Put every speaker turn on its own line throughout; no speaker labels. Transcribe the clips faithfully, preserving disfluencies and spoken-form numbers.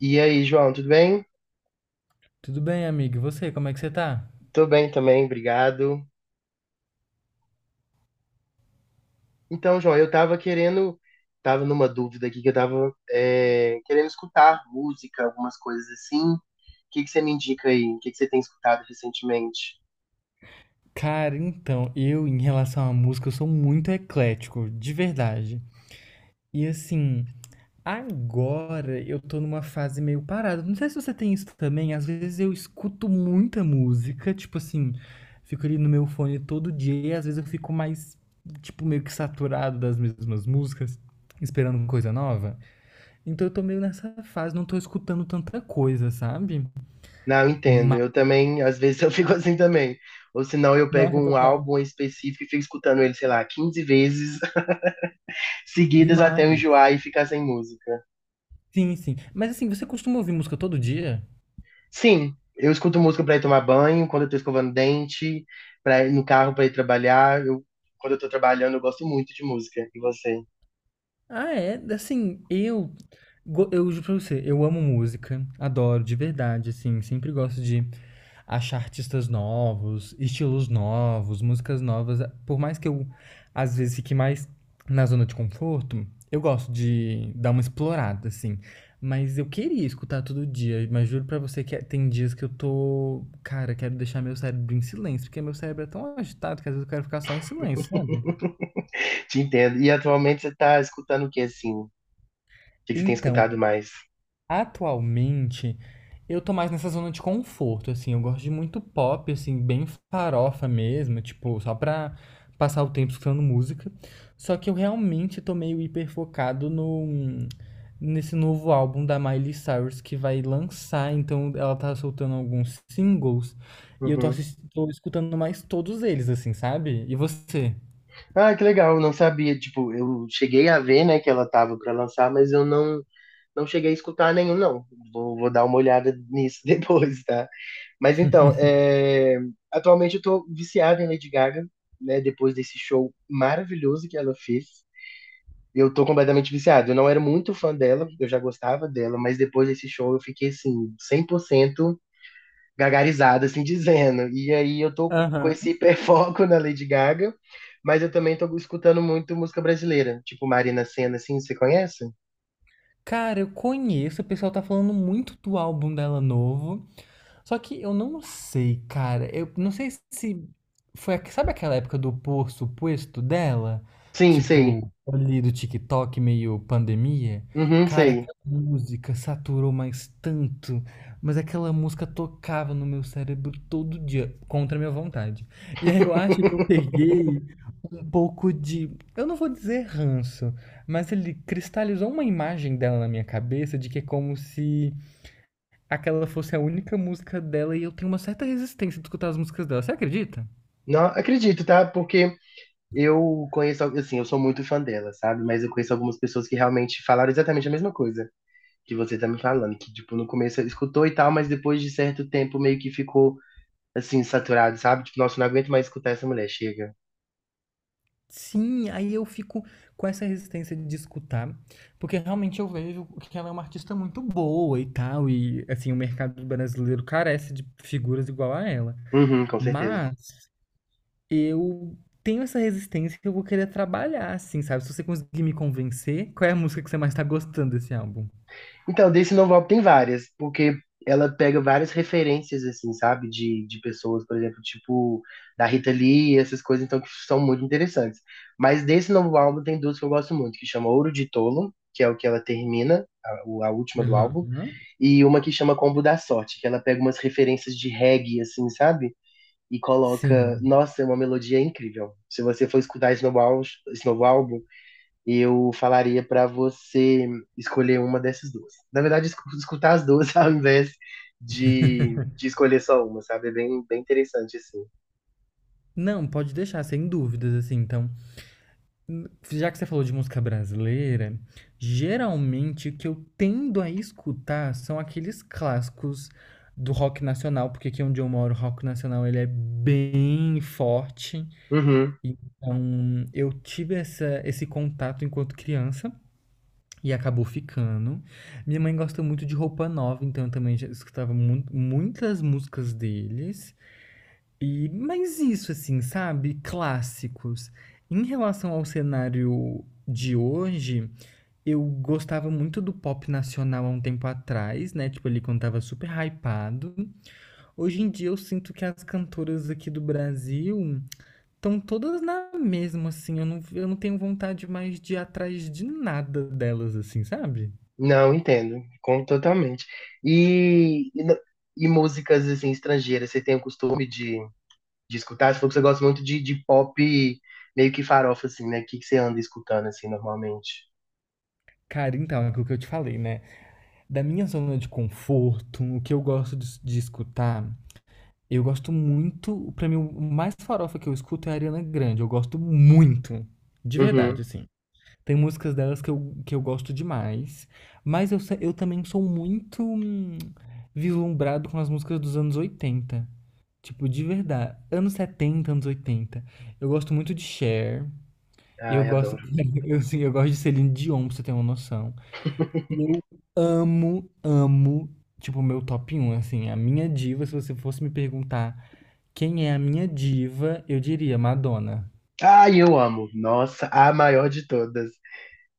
E aí, João, tudo bem?
Tudo bem, amigo? E você, como é que você tá?
Tô bem também, obrigado. Então, João, eu tava querendo, tava numa dúvida aqui que eu tava é, querendo escutar música, algumas coisas assim. O que que você me indica aí? O que que você tem escutado recentemente?
Cara, então, eu em relação à música, eu sou muito eclético, de verdade. E assim, agora eu tô numa fase meio parada. Não sei se você tem isso também, às vezes eu escuto muita música, tipo assim, fico ali no meu fone todo dia, e às vezes eu fico mais, tipo, meio que saturado das mesmas músicas, esperando coisa nova. Então eu tô meio nessa fase, não tô escutando tanta coisa, sabe?
Não, eu entendo.
Mas,
Eu também, às vezes eu fico assim também. Ou senão eu pego
nossa,
um
total,
álbum específico e fico escutando ele, sei lá, quinze vezes seguidas até eu
demais.
enjoar e ficar sem música.
Sim, sim. Mas assim, você costuma ouvir música todo dia?
Sim, eu escuto música pra ir tomar banho, quando eu tô escovando dente, para ir no carro pra ir trabalhar. Eu, quando eu tô trabalhando, eu gosto muito de música. E você?
Ah, é? Assim, eu. go- Eu juro pra você, eu amo música, adoro, de verdade, assim. Sempre gosto de achar artistas novos, estilos novos, músicas novas. Por mais que eu, às vezes, fique mais na zona de conforto, eu gosto de dar uma explorada, assim. Mas eu queria escutar todo dia, mas juro pra você que é- tem dias que eu tô. Cara, quero deixar meu cérebro em silêncio, porque meu cérebro é tão agitado que às vezes eu quero ficar só em silêncio, sabe?
Te entendo. E atualmente você tá escutando o que assim? O que que você tem
Então,
escutado mais?
atualmente, eu tô mais nessa zona de conforto, assim. Eu gosto de muito pop, assim, bem farofa mesmo, tipo, só pra passar o tempo escutando música. Só que eu realmente tô meio hiperfocado no, nesse novo álbum da Miley Cyrus que vai lançar. Então, ela tá soltando alguns singles e eu tô,
Uhum.
assis- tô escutando mais todos eles, assim, sabe? E você?
Ah, que legal, não sabia. Tipo, eu cheguei a ver, né, que ela tava pra lançar, mas eu não não cheguei a escutar nenhum, não. Vou, vou dar uma olhada nisso depois, tá? Mas então, é, atualmente eu tô viciado em Lady Gaga, né? Depois desse show maravilhoso que ela fez. Eu tô completamente viciado. Eu não era muito fã dela, eu já gostava dela, mas depois desse show eu fiquei assim, cem por cento gagarizado, assim dizendo. E aí eu tô com
Aham.
esse hiperfoco na Lady Gaga, mas eu também tô escutando muito música brasileira, tipo Marina Sena, assim, você conhece?
Cara, eu conheço, o pessoal tá falando muito do álbum dela novo. Só que eu não sei, cara. Eu não sei se foi, a- sabe aquela época do por posto dela?
Sim, sei.
Tipo, ali do TikTok, meio pandemia.
Uhum,
Cara,
sei.
aquela música saturou mais tanto, mas aquela música tocava no meu cérebro todo dia, contra a minha vontade. E aí eu acho que eu peguei um pouco de, eu não vou dizer ranço, mas ele cristalizou uma imagem dela na minha cabeça de que é como se aquela fosse a única música dela e eu tenho uma certa resistência de escutar as músicas dela. Você acredita?
Não acredito, tá? Porque eu conheço, assim, eu sou muito fã dela, sabe? Mas eu conheço algumas pessoas que realmente falaram exatamente a mesma coisa que você tá me falando, que, tipo, no começo escutou e tal, mas depois de certo tempo meio que ficou, assim, saturado, sabe? Tipo, nossa, não aguento mais escutar essa mulher, chega.
Sim, aí eu fico com essa resistência de escutar, porque realmente eu vejo que ela é uma artista muito boa e tal, e assim, o mercado brasileiro carece de figuras igual a ela.
Uhum, com certeza.
Mas eu tenho essa resistência que eu vou querer trabalhar, assim, sabe? Se você conseguir me convencer, qual é a música que você mais tá gostando desse álbum?
Então, desse novel tem várias, porque ela pega várias referências, assim, sabe? De, de pessoas, por exemplo, tipo da Rita Lee, essas coisas, então, que são muito interessantes. Mas desse novo álbum tem duas que eu gosto muito, que chama Ouro de Tolo, que é o que ela termina, a, o- a última do álbum,
Aham.
e uma que chama Combo da Sorte, que ela pega umas referências de reggae, assim, sabe? E coloca,
Sim.
nossa, é uma melodia incrível. Se você for escutar esse novo álbum, esse novo álbum, eu falaria para você escolher uma dessas duas. Na verdade, escu- escutar as duas ao invés de, de escolher só uma, sabe? É bem, bem interessante, assim.
Não, pode deixar, sem dúvidas, assim. Então, já que você falou de música brasileira, geralmente o que eu tendo a escutar são aqueles clássicos do rock nacional, porque aqui onde eu moro, o rock nacional ele é bem forte.
Uhum.
Então, eu tive essa, esse contato enquanto criança e acabou ficando. Minha mãe gosta muito de Roupa Nova, então eu também já escutava mu- muitas músicas deles. E mas isso assim, sabe, clássicos. Em relação ao cenário de hoje, eu gostava muito do pop nacional há um tempo atrás, né? Tipo, ele quando tava super hypado. Hoje em dia eu sinto que as cantoras aqui do Brasil estão todas na mesma, assim. Eu não, eu não tenho vontade mais de ir atrás de nada delas, assim, sabe?
Não, entendo. Como totalmente. E, e, no- e músicas, assim, estrangeiras, você tem o costume de, de escutar? Você falou que você gosta muito de, de pop meio que farofa, assim, né? O que, que você anda escutando, assim, normalmente?
Cara, então, é aquilo que eu te falei, né? Da minha zona de conforto, o que eu gosto de, de escutar. Eu gosto muito, pra mim o mais farofa que eu escuto é a Ariana Grande, eu gosto muito, de verdade,
Uhum.
assim. Tem músicas delas que eu, que eu gosto demais, mas eu, se- eu também sou muito hum, vislumbrado com as músicas dos anos oitenta, tipo, de verdade, anos setenta, anos oitenta. Eu gosto muito de Cher, eu
Ai,
gosto,
adoro.
eu, assim, eu gosto de Celine Dion, pra você ter uma noção. E eu amo, amo, tipo, o meu top um assim, a minha diva, se você fosse me perguntar quem é a minha diva, eu diria Madonna.
Ai, eu amo. Nossa, a maior de todas.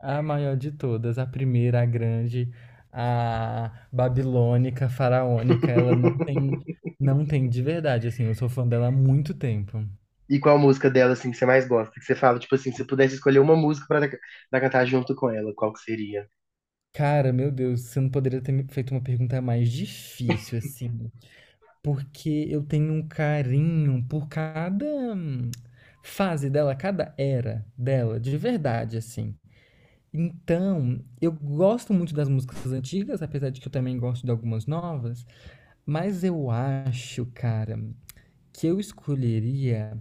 A maior de todas, a primeira, a grande, a babilônica, faraônica, ela não tem, não tem de verdade, assim, eu sou fã dela há muito tempo.
E qual música dela, assim, que você mais gosta? Que você fala, tipo assim, se pudesse escolher uma música pra, pra, cantar junto com ela, qual que seria?
Cara, meu Deus, você não poderia ter me feito uma pergunta mais difícil, assim. Porque eu tenho um carinho por cada hum, fase dela, cada era dela, de verdade, assim. Então, eu gosto muito das músicas antigas, apesar de que eu também gosto de algumas novas, mas eu acho, cara, que eu escolheria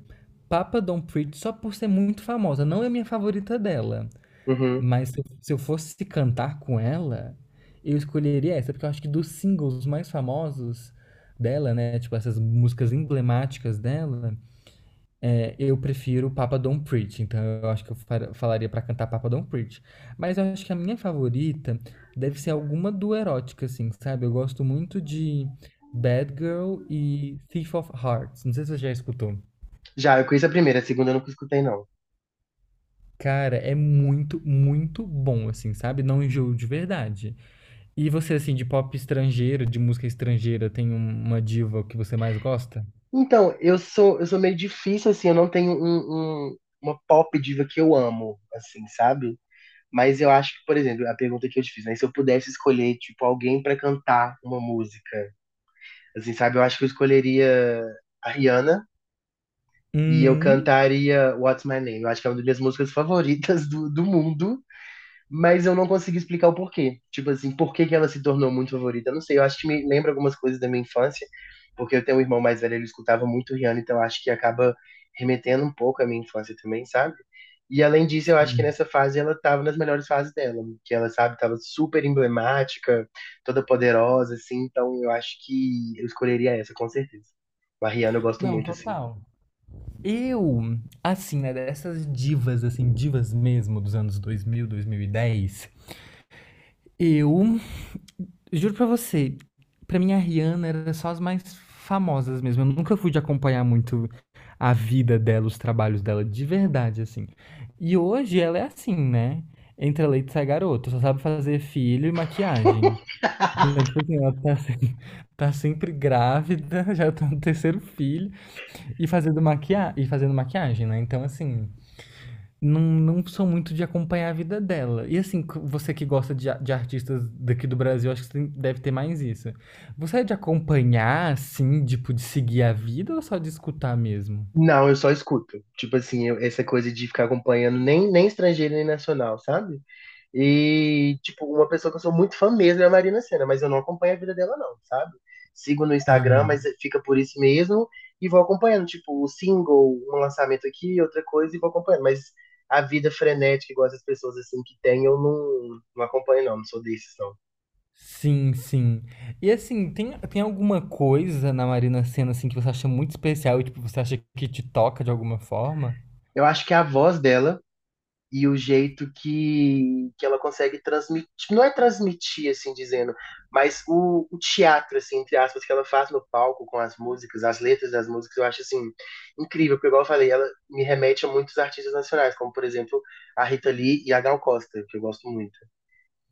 Papa Don't Preach só por ser muito famosa. Não é a minha favorita dela,
Uhum.
mas se eu, se eu fosse cantar com ela, eu escolheria essa, porque eu acho que dos singles mais famosos dela, né, tipo essas músicas emblemáticas dela, é, eu prefiro Papa Don't Preach. Então eu acho que eu far- falaria pra cantar Papa Don't Preach. Mas eu acho que a minha favorita deve ser alguma do erótica, assim, sabe? Eu gosto muito de Bad Girl e Thief of Hearts. Não sei se você já escutou.
Já, eu conheço a primeira, a segunda eu nunca escutei, não.
Cara, é muito, muito bom, assim, sabe? Não enjoo de verdade. E você, assim, de pop estrangeiro, de música estrangeira, tem um- uma diva que você mais gosta?
Então, eu sou, eu sou meio difícil, assim, eu não tenho um, um- uma pop diva que eu amo, assim, sabe? Mas eu acho que, por exemplo, a pergunta que eu te fiz, né? Se eu pudesse escolher, tipo, alguém pra cantar uma música, assim, sabe? Eu acho que eu escolheria a Rihanna e eu
Hum,
cantaria What's My Name. Eu acho que é uma das minhas músicas favoritas do, do mundo. Mas eu não consegui explicar o porquê. Tipo assim, por que que ela se tornou muito favorita? Eu não sei, eu acho que me lembra algumas coisas da minha infância, porque eu tenho um irmão mais velho, ele escutava muito Rihanna, então eu acho que acaba remetendo um pouco à minha infância também, sabe? E além disso, eu acho que
sim.
nessa fase ela tava nas melhores fases dela, que ela, sabe, tava super emblemática, toda poderosa, assim, então eu acho que eu escolheria essa, com certeza. A Rihanna eu gosto
Não,
muito, assim.
total. Eu, assim, né, dessas divas, assim, divas mesmo dos anos dois mil, dois mil e dez, eu juro pra você, pra mim a Rihanna era só as mais famosas mesmo. Eu nunca fui de acompanhar muito a vida dela, os trabalhos dela, de verdade, assim. E hoje ela é assim, né? Entra leite e sai garoto, só sabe fazer filho e maquiagem. Então, tipo assim, ela tá, se- tá sempre grávida, já tá no terceiro filho, e fazendo, maquia... e fazendo maquiagem, né? Então, assim, não, não sou muito de acompanhar a vida dela. E, assim, c- você que gosta de, a- de artistas daqui do Brasil, acho que você tem- deve ter mais isso. Você é de acompanhar, assim, tipo, de seguir a vida ou só de escutar mesmo?
Não, eu só escuto. Tipo assim, eu- essa coisa de ficar acompanhando nem, nem estrangeiro nem nacional, sabe? E, tipo, uma pessoa que eu sou muito fã mesmo é a Marina Sena, mas eu não acompanho a vida dela, não, sabe? Sigo no Instagram, mas
Aham.
fica por isso mesmo, e vou acompanhando, tipo, o single, um lançamento aqui, outra coisa, e vou acompanhando. Mas a vida frenética, igual essas pessoas assim que tem, eu não, não acompanho, não. Não sou desses, não.
Sim, sim. E assim, tem, tem alguma coisa na Marina Sena assim que você acha muito especial e tipo, você acha que te toca de alguma forma?
Eu acho que a voz dela e o jeito que, que ela consegue transmitir, tipo, não é transmitir, assim dizendo, mas o, o teatro, assim, entre aspas, que ela faz no palco com as músicas, as letras das músicas, eu acho, assim, incrível, porque, igual eu falei, ela me remete a muitos artistas nacionais, como, por exemplo, a Rita Lee e a Gal Costa, que eu gosto muito.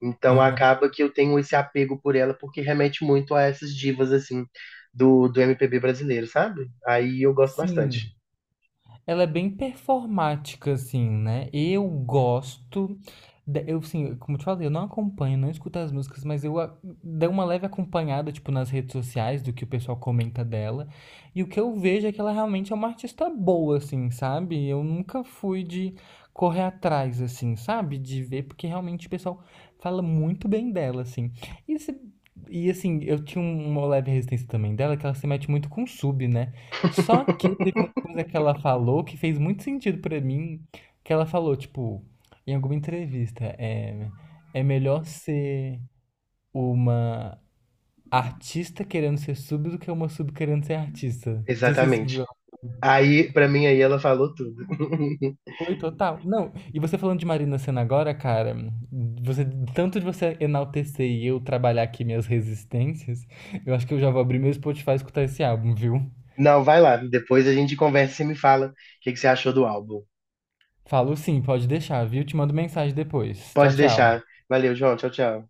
Então,
Aham.
acaba que eu tenho esse apego por ela, porque remete muito a essas divas, assim, do, do M P B brasileiro, sabe? Aí eu gosto bastante.
Sim, ela é bem performática, assim, né? Eu gosto. de- Eu, assim, como eu te falei, eu não acompanho, não escuto as músicas, mas eu a- dei uma leve acompanhada, tipo, nas redes sociais do que o pessoal comenta dela. E o que eu vejo é que ela realmente é uma artista boa, assim, sabe? Eu nunca fui de correr atrás, assim, sabe? De ver, porque realmente o pessoal fala muito bem dela, assim. E, se- e assim, eu tinha um, uma leve resistência também dela, que ela se mete muito com sub, né? Só que teve uma coisa que ela falou que fez muito sentido pra mim, que ela falou, tipo, em alguma entrevista, é, é melhor ser uma artista querendo ser sub do que uma sub querendo ser artista. Não sei se vocês
Exatamente.
viram?
Aí, pra mim, aí ela falou tudo.
Foi total. Não, e você falando de Marina Sena agora, cara, você, tanto de você enaltecer e eu trabalhar aqui minhas resistências, eu acho que eu já vou abrir meu Spotify e escutar esse álbum, viu?
Não, vai lá. Depois a gente conversa e você me fala o que que você achou do álbum.
Falo sim, pode deixar, viu? Te mando mensagem depois. Tchau,
Pode
tchau.
deixar. Valeu, João. Tchau, tchau.